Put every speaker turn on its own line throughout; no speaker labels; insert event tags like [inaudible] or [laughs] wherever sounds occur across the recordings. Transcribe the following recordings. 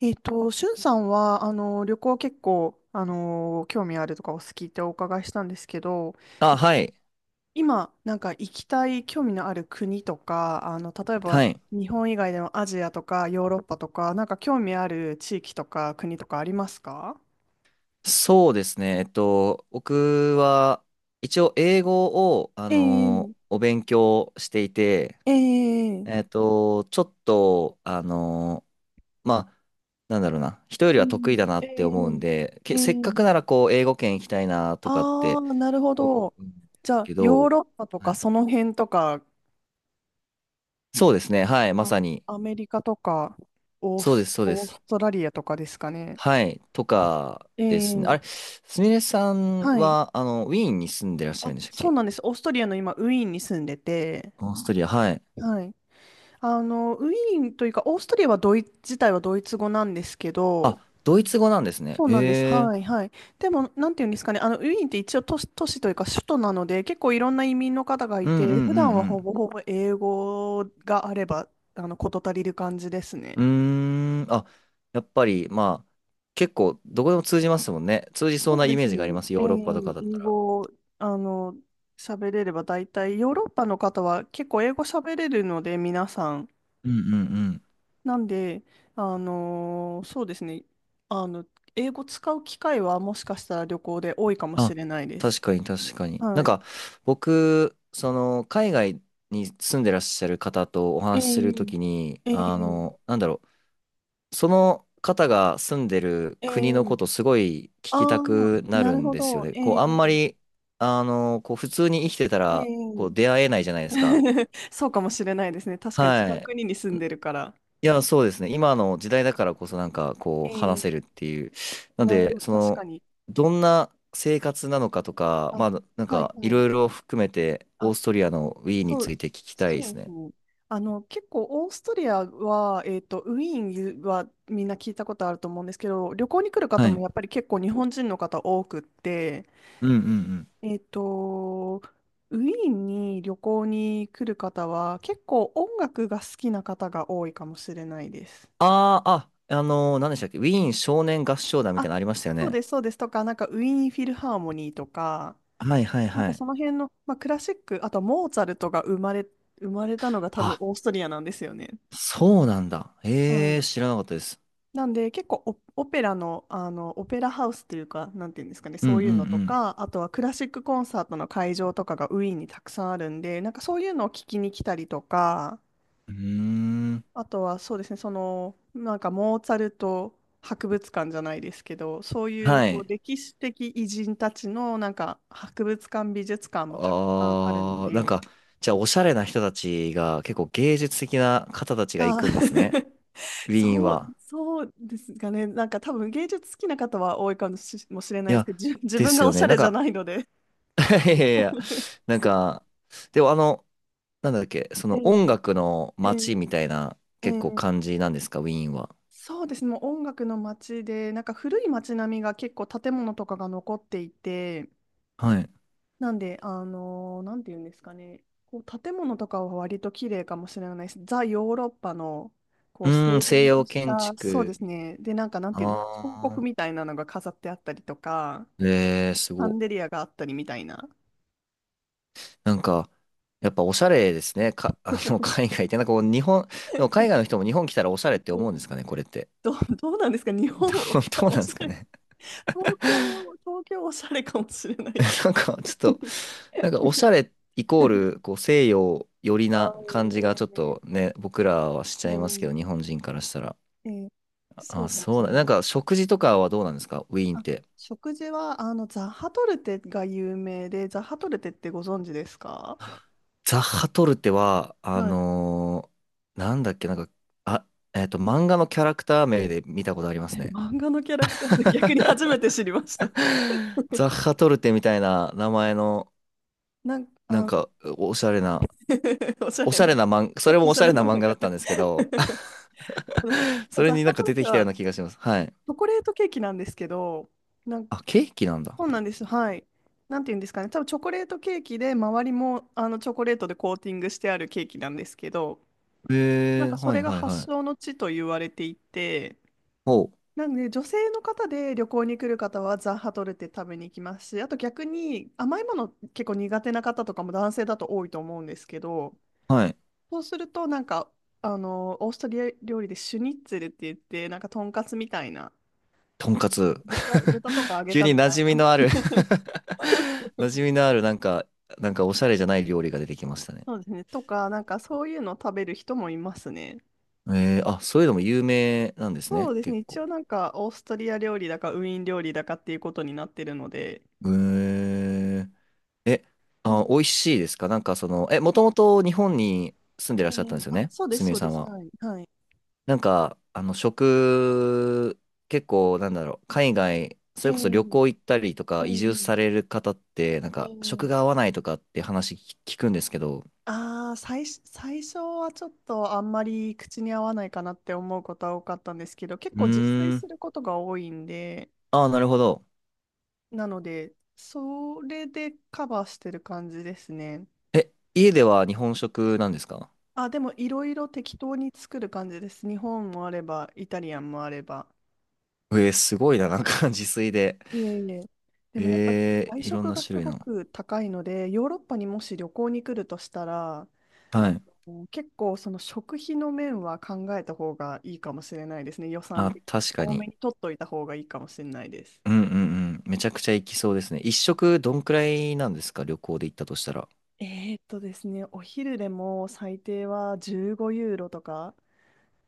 しゅんさんは、旅行結構、興味あるとかお好きってお伺いしたんですけど、
あ、
え
はい。
今、なんか行きたい興味のある国とか、例えば
はい。
日本以外でもアジアとかヨーロッパとか、なんか興味ある地域とか国とかありますか？
そうですね。僕は、一応、英語を、
ええ
お勉強していて、
え
え
え
っと、ちょっと、あの、まあ、なんだろうな、人よりは得意だ
う
な
ん
って思うん
ええ
で、せっか
え
くな
え
ら、こう、英語圏行きたいなとかっ
ああ
て
ー、なるほ
思
ど。
うん
じゃあ、
け
ヨー
ど、
ロッパと
は
か
い、
その辺とか、
そうですね。はい。ま
あ、
さに。
アメリカとか、
そうです、そうで
オー
す。
ストラリアとかですかね。
はい。と
あ、
か
え
ですね。
え、
あれ、すみれさん
はい。
は、ウィーンに住んでらっしゃ
あ、
るんでしたっ
そう
け？
なんです。オーストリアの今、ウィーンに住んでて、
オーストリア、はい。
はい。ウィーンというか、オーストリアはドイツ、自体はドイツ語なんですけど、
あ、ドイツ語なんですね。
そうなんです。
ええ、
はい、はい。でも、なんていうんですかね、ウィーンって一応都市というか首都なので、結構いろんな移民の方がい
うんう
て、普段
ん
は
う
ほ
ん
ぼほぼ英語があれば、事足りる感じです
う
ね。
ん。うーん、あ、やっぱり、まあ、結構、どこでも通じますもんね。通じそ
そ
う
う
な
で
イメ
す
ージがあり
ね。
ます。ヨーロッパとかだった
英
ら。
語、あの、喋れれば大体、ヨーロッパの方は結構英語喋れるので、皆さん。
うん。
なんで、そうですね。あの、英語使う機会はもしかしたら旅行で多いかもし
あ、
れないで
確
す。
かに確かに。なん
はい。
か、僕、その、海外に住んでらっしゃる方とお
え
話しすると
ー、
きに、
えー、
その方が住んでる
え
国のこ
ー、
とすごい聞
あ
きた
あ、
くな
な
る
る
ん
ほ
ですよ
ど。
ね。
え
こう、あんま
ー、
り、あの、こう、普通に生きてた
え
ら、こう、
ー。
出会えないじゃないですか。
[laughs] そうかもしれないですね。確かに違
は
う
い。
国に住んでるから。
いや、そうですね。今の時代だからこそなんか、
え
こう、
ー、
話せるっていう。なん
なる
で、
ほど、
そ
確か
の、
に。
どんな生活なのかとか、
あ、
まあ、なん
はい
か、い
は
ろ
い。
いろ含めて、オーストリアのウィーンに
そ
つ
う、
いて聞きたいで
そう
す
です
ね。
ね。結構オーストリアは、ウィーンはみんな聞いたことあると思うんですけど、旅行に来る方
はい。
も
う
やっぱり結構日本人の方多くって、
んうんうん。
えっと、ウィーンに旅行に来る方は結構音楽が好きな方が多いかもしれないです。
ああ、あ、何でしたっけ、ウィーン少年合唱団みたい
あ、
なのありましたよ
そう
ね。
です、そうです。とか、なんかウィーンフィルハーモニーとか、
はいはい
なん
は
か
い。
その辺の、まあ、クラシック、あとモーツァルトが生まれ、生まれたのが多分
あ、
オーストリアなんですよね。
そうなんだ。
は
ええ、
い。
知らなかったです。
なんで結構オ、オペラの、あのオペラハウスっていうか、なんていうんですかね、
うんう
そういうのと
ん
か、あとはクラシックコンサートの会場とかがウィーンにたくさんあるんで、なんかそういうのを聞きに来たりとか、
うん。うーん。
あとはそうですね、なんかモーツァルト博物館じゃないですけど、そういう
は
こう
い。
歴史的偉人たちのなんか博物館、美術館もたくさんあるの
あー、なん
で、
か、じゃあ、おしゃれな人たちが、結構芸術的な方たちが行
あ
くんですね。
ー。 [laughs]
ウィーン
そう、
は。
そうですかね。なんか多分芸術好きな方は多いかもし、もしれな
い
いです
や、
けど、[laughs] 自
で
分
す
が
よ
おし
ね。
ゃ
なん
れじゃな
か、
いので。
[laughs] いやいやいや、なんか、でもあの、なんだっけ、そ
え
の
え、
音楽の
ええ、
街みたいな、結構
え
感
え、
じなんですか、ウィーンは？
そうですね。もう音楽の街で、なんか古い街並みが結構建物とかが残っていて、
はい。
なんで、なんていうんですかね。こう建物とかは割と綺麗かもしれないです。ザ・ヨーロッパの、こ
う
う
ー
整
ん、西
然と
洋
し
建
た、そうで
築。
すね。で、なんかなんていうんですか、彫刻
あ
みたいなのが飾ってあったりとか、
ー。えー、す
シャ
ご
ンデ
い。
リアがあったりみたいな。
なんか、やっぱおしゃれですね。か、[laughs] 海外って。なんかこう、日本、でも海外の人も日本来たらおしゃれっ
[laughs]
て
う
思うん
ん。
ですかね、これって？
どうなんですか日本
[laughs] どうな
お
んで
し
す
ゃ
か
れ、
ね。
東京おしゃれかもしれないけど。
[laughs] なんか、ちょっと、なんかおしゃれイコール、
[laughs]
こう、西洋寄り
あ
な感
ー、
じがちょっ
えー、
とね、僕らはしちゃ
え
いますけど、日本人からしたら。
ー、えー、そ
あ、
うかもし
そ
れ
うだ。
な
なん
い。
か、食事とかはどうなんですか、ウィーンっ
あ、
て？
食事は、ザハトルテが有名で、ザハトルテってご存知ですか？
ザッハトルテは、
はい。
なんだっけ、なんか、あ、漫画のキャラクター名で見たことあります
[laughs]
ね。
漫画のキャラクターで逆に初めて知りました。
[laughs] ザッハトルテみたいな名前の、
なんか、
なん
あ、
か、おしゃれな、
[laughs] おしゃ
お
れ
しゃ
な、
れな漫画、それも
お
お
し
し
ゃ
ゃ
れ
れな
な漫
漫画だったんですけど、
画。[laughs]
[laughs] それ
ザ
にな
ハ
ん
ト
か
ル
出
テ
てきたよ
は
うな気がします。はい。
チョコレートケーキなんですけど、なんか、
あ、ケーキなんだ。
そうなんです。はい。なんて言うんですかね。多分チョコレートケーキで、周りもあのチョコレートでコーティングしてあるケーキなんですけど、な
へ
ん
え、
かそ
は
れ
い
が
はい
発
はい。
祥の地と言われていて、
おう、
なので女性の方で旅行に来る方はザ・ハトルテ食べに行きますし、あと逆に甘いもの結構苦手な方とかも男性だと多いと思うんですけど、
はい。
そうするとなんか、オーストリア料理でシュニッツェルって言って、なんかとんかつみたいな、
とんかつ。
豚とか揚
[laughs]
げ
急
た
に
み
馴
たい
染み
な、
のある [laughs] 馴染みのある、なんか、なんかおしゃれじゃない料理が出てきましたね。
そうですね。とか、なんかそういうのを食べる人もいますね。
えー、あ、そういうのも有名なんです
そ
ね、
うですね。
結
一
構。
応なんかオーストリア料理だかウィーン料理だかっていうことになってるので。
へえ、え、
うん。
あ、美味しいですかなんかその、え、もともと日本に住んでら
え
っしゃったん
え、
ですよ
あ、
ね、
そうで
す
す、
みれ
そう
さ
で
ん
す。
は？
はい。はい。
なんか、あの、食、結構、なんだろう、海外、それこそ旅
え
行
え
行ったりとか、移住
え
され
え
る方って、なんか、食
え
が合
え、
わないとかって話聞くんですけど。
ああ、最初はちょっとあんまり口に合わないかなって思うことは多かったんですけど、結
う
構自炊
ー
す
ん。
ることが多いんで、
ああ、なるほど。
なので、それでカバーしてる感じですね。
え、家では日本食なんですか？
あ、でもいろいろ適当に作る感じです。日本もあれば、イタリアンもあれば。
えー、すごいな、なんか [laughs] 自炊で。
いえいえ。でもやっぱり
えー、
外
いろん
食
な
が
種
す
類
ご
の。
く高いので、ヨーロッパにもし旅行に来るとしたら、
は
あ
い。
結構その食費の面は考えた方がいいかもしれないですね。予算
あ、
的に
確か
多め
に。
に取っといた方がいいかもしれないです。
うんうんうん。めちゃくちゃ行きそうですね。一食どんくらいなんですか旅行で行ったとしたら？
ですね、お昼でも最低は15ユーロとか、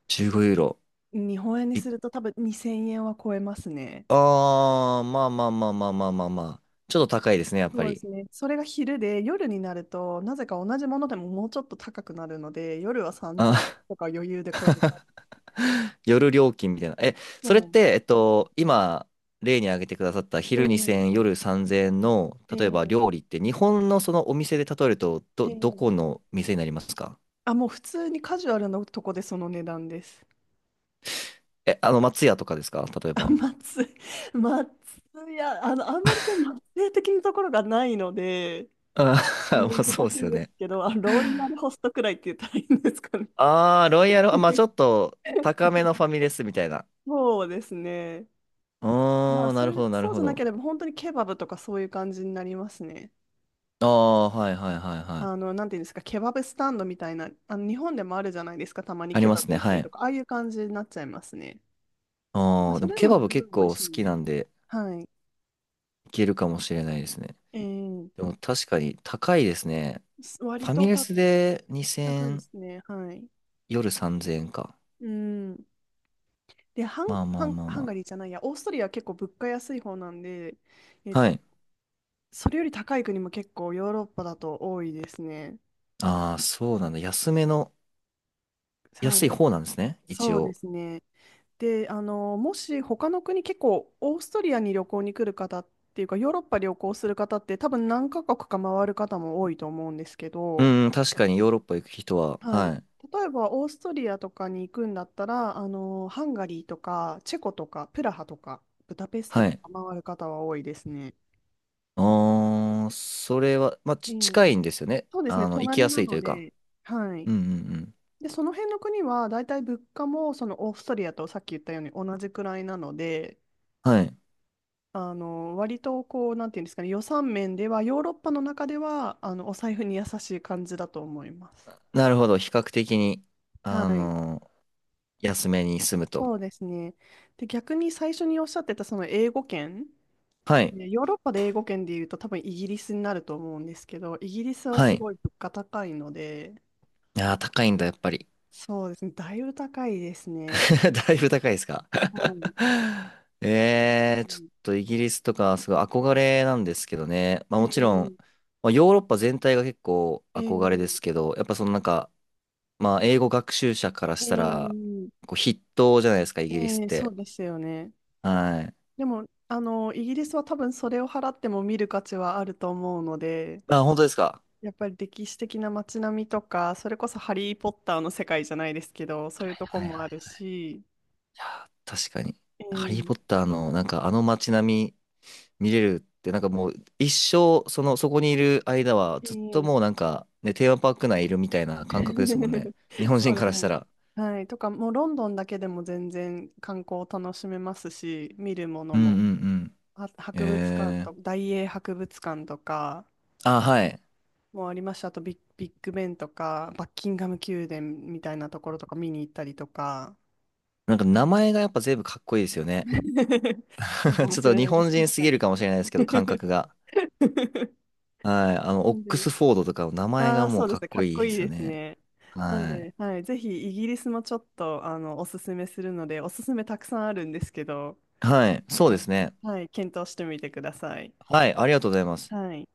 15ユーロ。
日本円に
い、
すると多分2000円は超えますね。
あー、まあまあまあまあまあまあまあ。ちょっと高いですね、やっぱ
そうで
り。
すね。それが昼で、夜になると、なぜか同じものでももうちょっと高くなるので、夜は
あ、
3000とか余裕で超える感じ。
[laughs] 夜料金みたいな。え、
そ
そ
う
れっ
なんで
て、
す。
今、例に挙げてくださった
え
昼2000、
え
夜3000の、例えば料
え
理って、日本のそのお店で例えると、
え
ど、ど
え
こ
え、
の店になりますか？
あ、もう普通にカジュアルなとこでその値段です。
え、あの、松屋とかですか例え
あ、
ば？
松、松屋、あんまりその松屋的なところがないので、
あー [laughs]、まあそう
難
で
しい
す
ん
よ
です
ね。
けど、あ、ロイヤルホストくらいって言ったらいいんですかね。
ああ、ロイヤル、あ、まあちょっ
[laughs]
と高めのファミレスみたいな。
そうですね。ま
あ
あ、
あ、なるほど、なる
そうじ
ほ
ゃな
ど。
ければ、本当にケバブとかそういう感じになりますね。
ああ、はいはいはいはい。
なんていうんですか、ケバブスタンドみたいな、日本でもあるじゃないですか、たまに
あり
ケ
ま
バ
す
ブ
ね、
売って
は
ると
い。
か、ああいう感じになっちゃいますね。まあ、
ああ、
そ
でも
れで
ケ
も
バ
十
ブ結
分美味
構好
しいん
き
で。
なんで、
はい。
いけるかもしれないですね。
えー、
でも確かに高いですね。フ
割
ァミ
と
レ
た
スで
高いで
2000、
すね。はい。
夜3000円か。
うん。で、
まあまあまあ
ハンガ
ま
リーじゃないや、オーストリアは結構物価安い方なんで、え、
あ。はい。
それより高い国も結構ヨーロッパだと多いですね。
ああ、そうなんだ。安めの、
は
安い
い。
方なんですね、一
そうで
応。
すね。で、もし他の国、結構オーストリアに旅行に来る方っていうか、ヨーロッパ旅行する方って多分何カ国か回る方も多いと思うんですけど、
うん、確かにヨーロッパ行く人は、
はい。
はい。
例えばオーストリアとかに行くんだったら、ハンガリーとか、チェコとか、プラハとか、ブダペスト
は
と
い。
か回る方は多いですね。
ああ、それは、まあ、
え
ち
え、
近いんですよね。
そうですね、
あの、行き
隣
やす
な
いと
の
いうか。
で、はい。
うん。
で、その辺の国は大体物価もそのオーストリアとさっき言ったように同じくらいなので、
はい。
割とこう、なんていうんですかね、予算面では、ヨーロッパの中ではお財布に優しい感じだと思います。
なるほど。比較的に、
は
あ
い、
の、安めに住むと。
そうですね。で、逆に最初におっしゃってたその英語圏、
はい。
ね、ヨーロッパで英語圏で言うと、多分イギリスになると思うんですけど、イギリスは
は
す
い。
ごい物価高いので、
ああ、高いんだ、やっぱり。
そうですね、だいぶ高いですね。
[laughs] だいぶ高いですか？
はい。
[laughs] え、
う
えー、ちょっ
ん。
とイギリスとか、すごい憧れなんですけどね。まあ、
え
もちろ
ー、
ん、まあ、ヨーロッパ全体が結構
えー、
憧れですけど、やっぱそのなんか、まあ、英語学習者から
え
したら、
ー、
こう筆頭じゃないですか、イギリスっ
そ
て。
うですよね。
はい。
でも、イギリスは多分それを払っても見る価値はあると思うので、
あ、本当ですか？
やっぱり歴史的な街並みとか、それこそハリー・ポッターの世界じゃないですけど、そういうとこ
はい
も
は
あ
い。
るし、
いや、確かに。
え
ハリー・
ー。
ポッターの、なんかあの街並み見れるって、なんかもう一生、その、そこにいる間は、
え
ずっともう
ー。
なんか、ね、テーマパーク内いるみたいな感覚ですもんね。
[laughs]
日本
そ
人
うで
か
す
らし
ね。
たら。
はい。とか、もうロンドンだけでも全然観光を楽しめますし、見るもの
うん
も、
うんうん。
博物館
えー。
と、大英博物館とか
あ、はい。
もありました。あとビッグベンとか、バッキンガム宮殿みたいなところとか見に行ったりとか、
なんか名前がやっぱ全部かっこいいですよね。
[laughs] そうか
[laughs]
も
ちょっ
し
と
れ
日
ないで
本
す、
人
確
す
か
ぎる
に。
かもしれないですけど、感覚が。
[laughs]
はい。あの、
な
オッ
ん
ク
で、
スフォードとかの名前
あ
が
あ、
も
そ
う
うで
か
す
っ
ね、か
こ
っ
いい
こ
で
いい
すよ
です
ね。
ね。なん
はい。
で、はい、ぜひイギリスもちょっとあのおすすめするので、おすすめたくさんあるんですけど、
はい。そう
あ
で
の
すね。
はい、検討してみてください。
はい。ありがとうございます。
はい。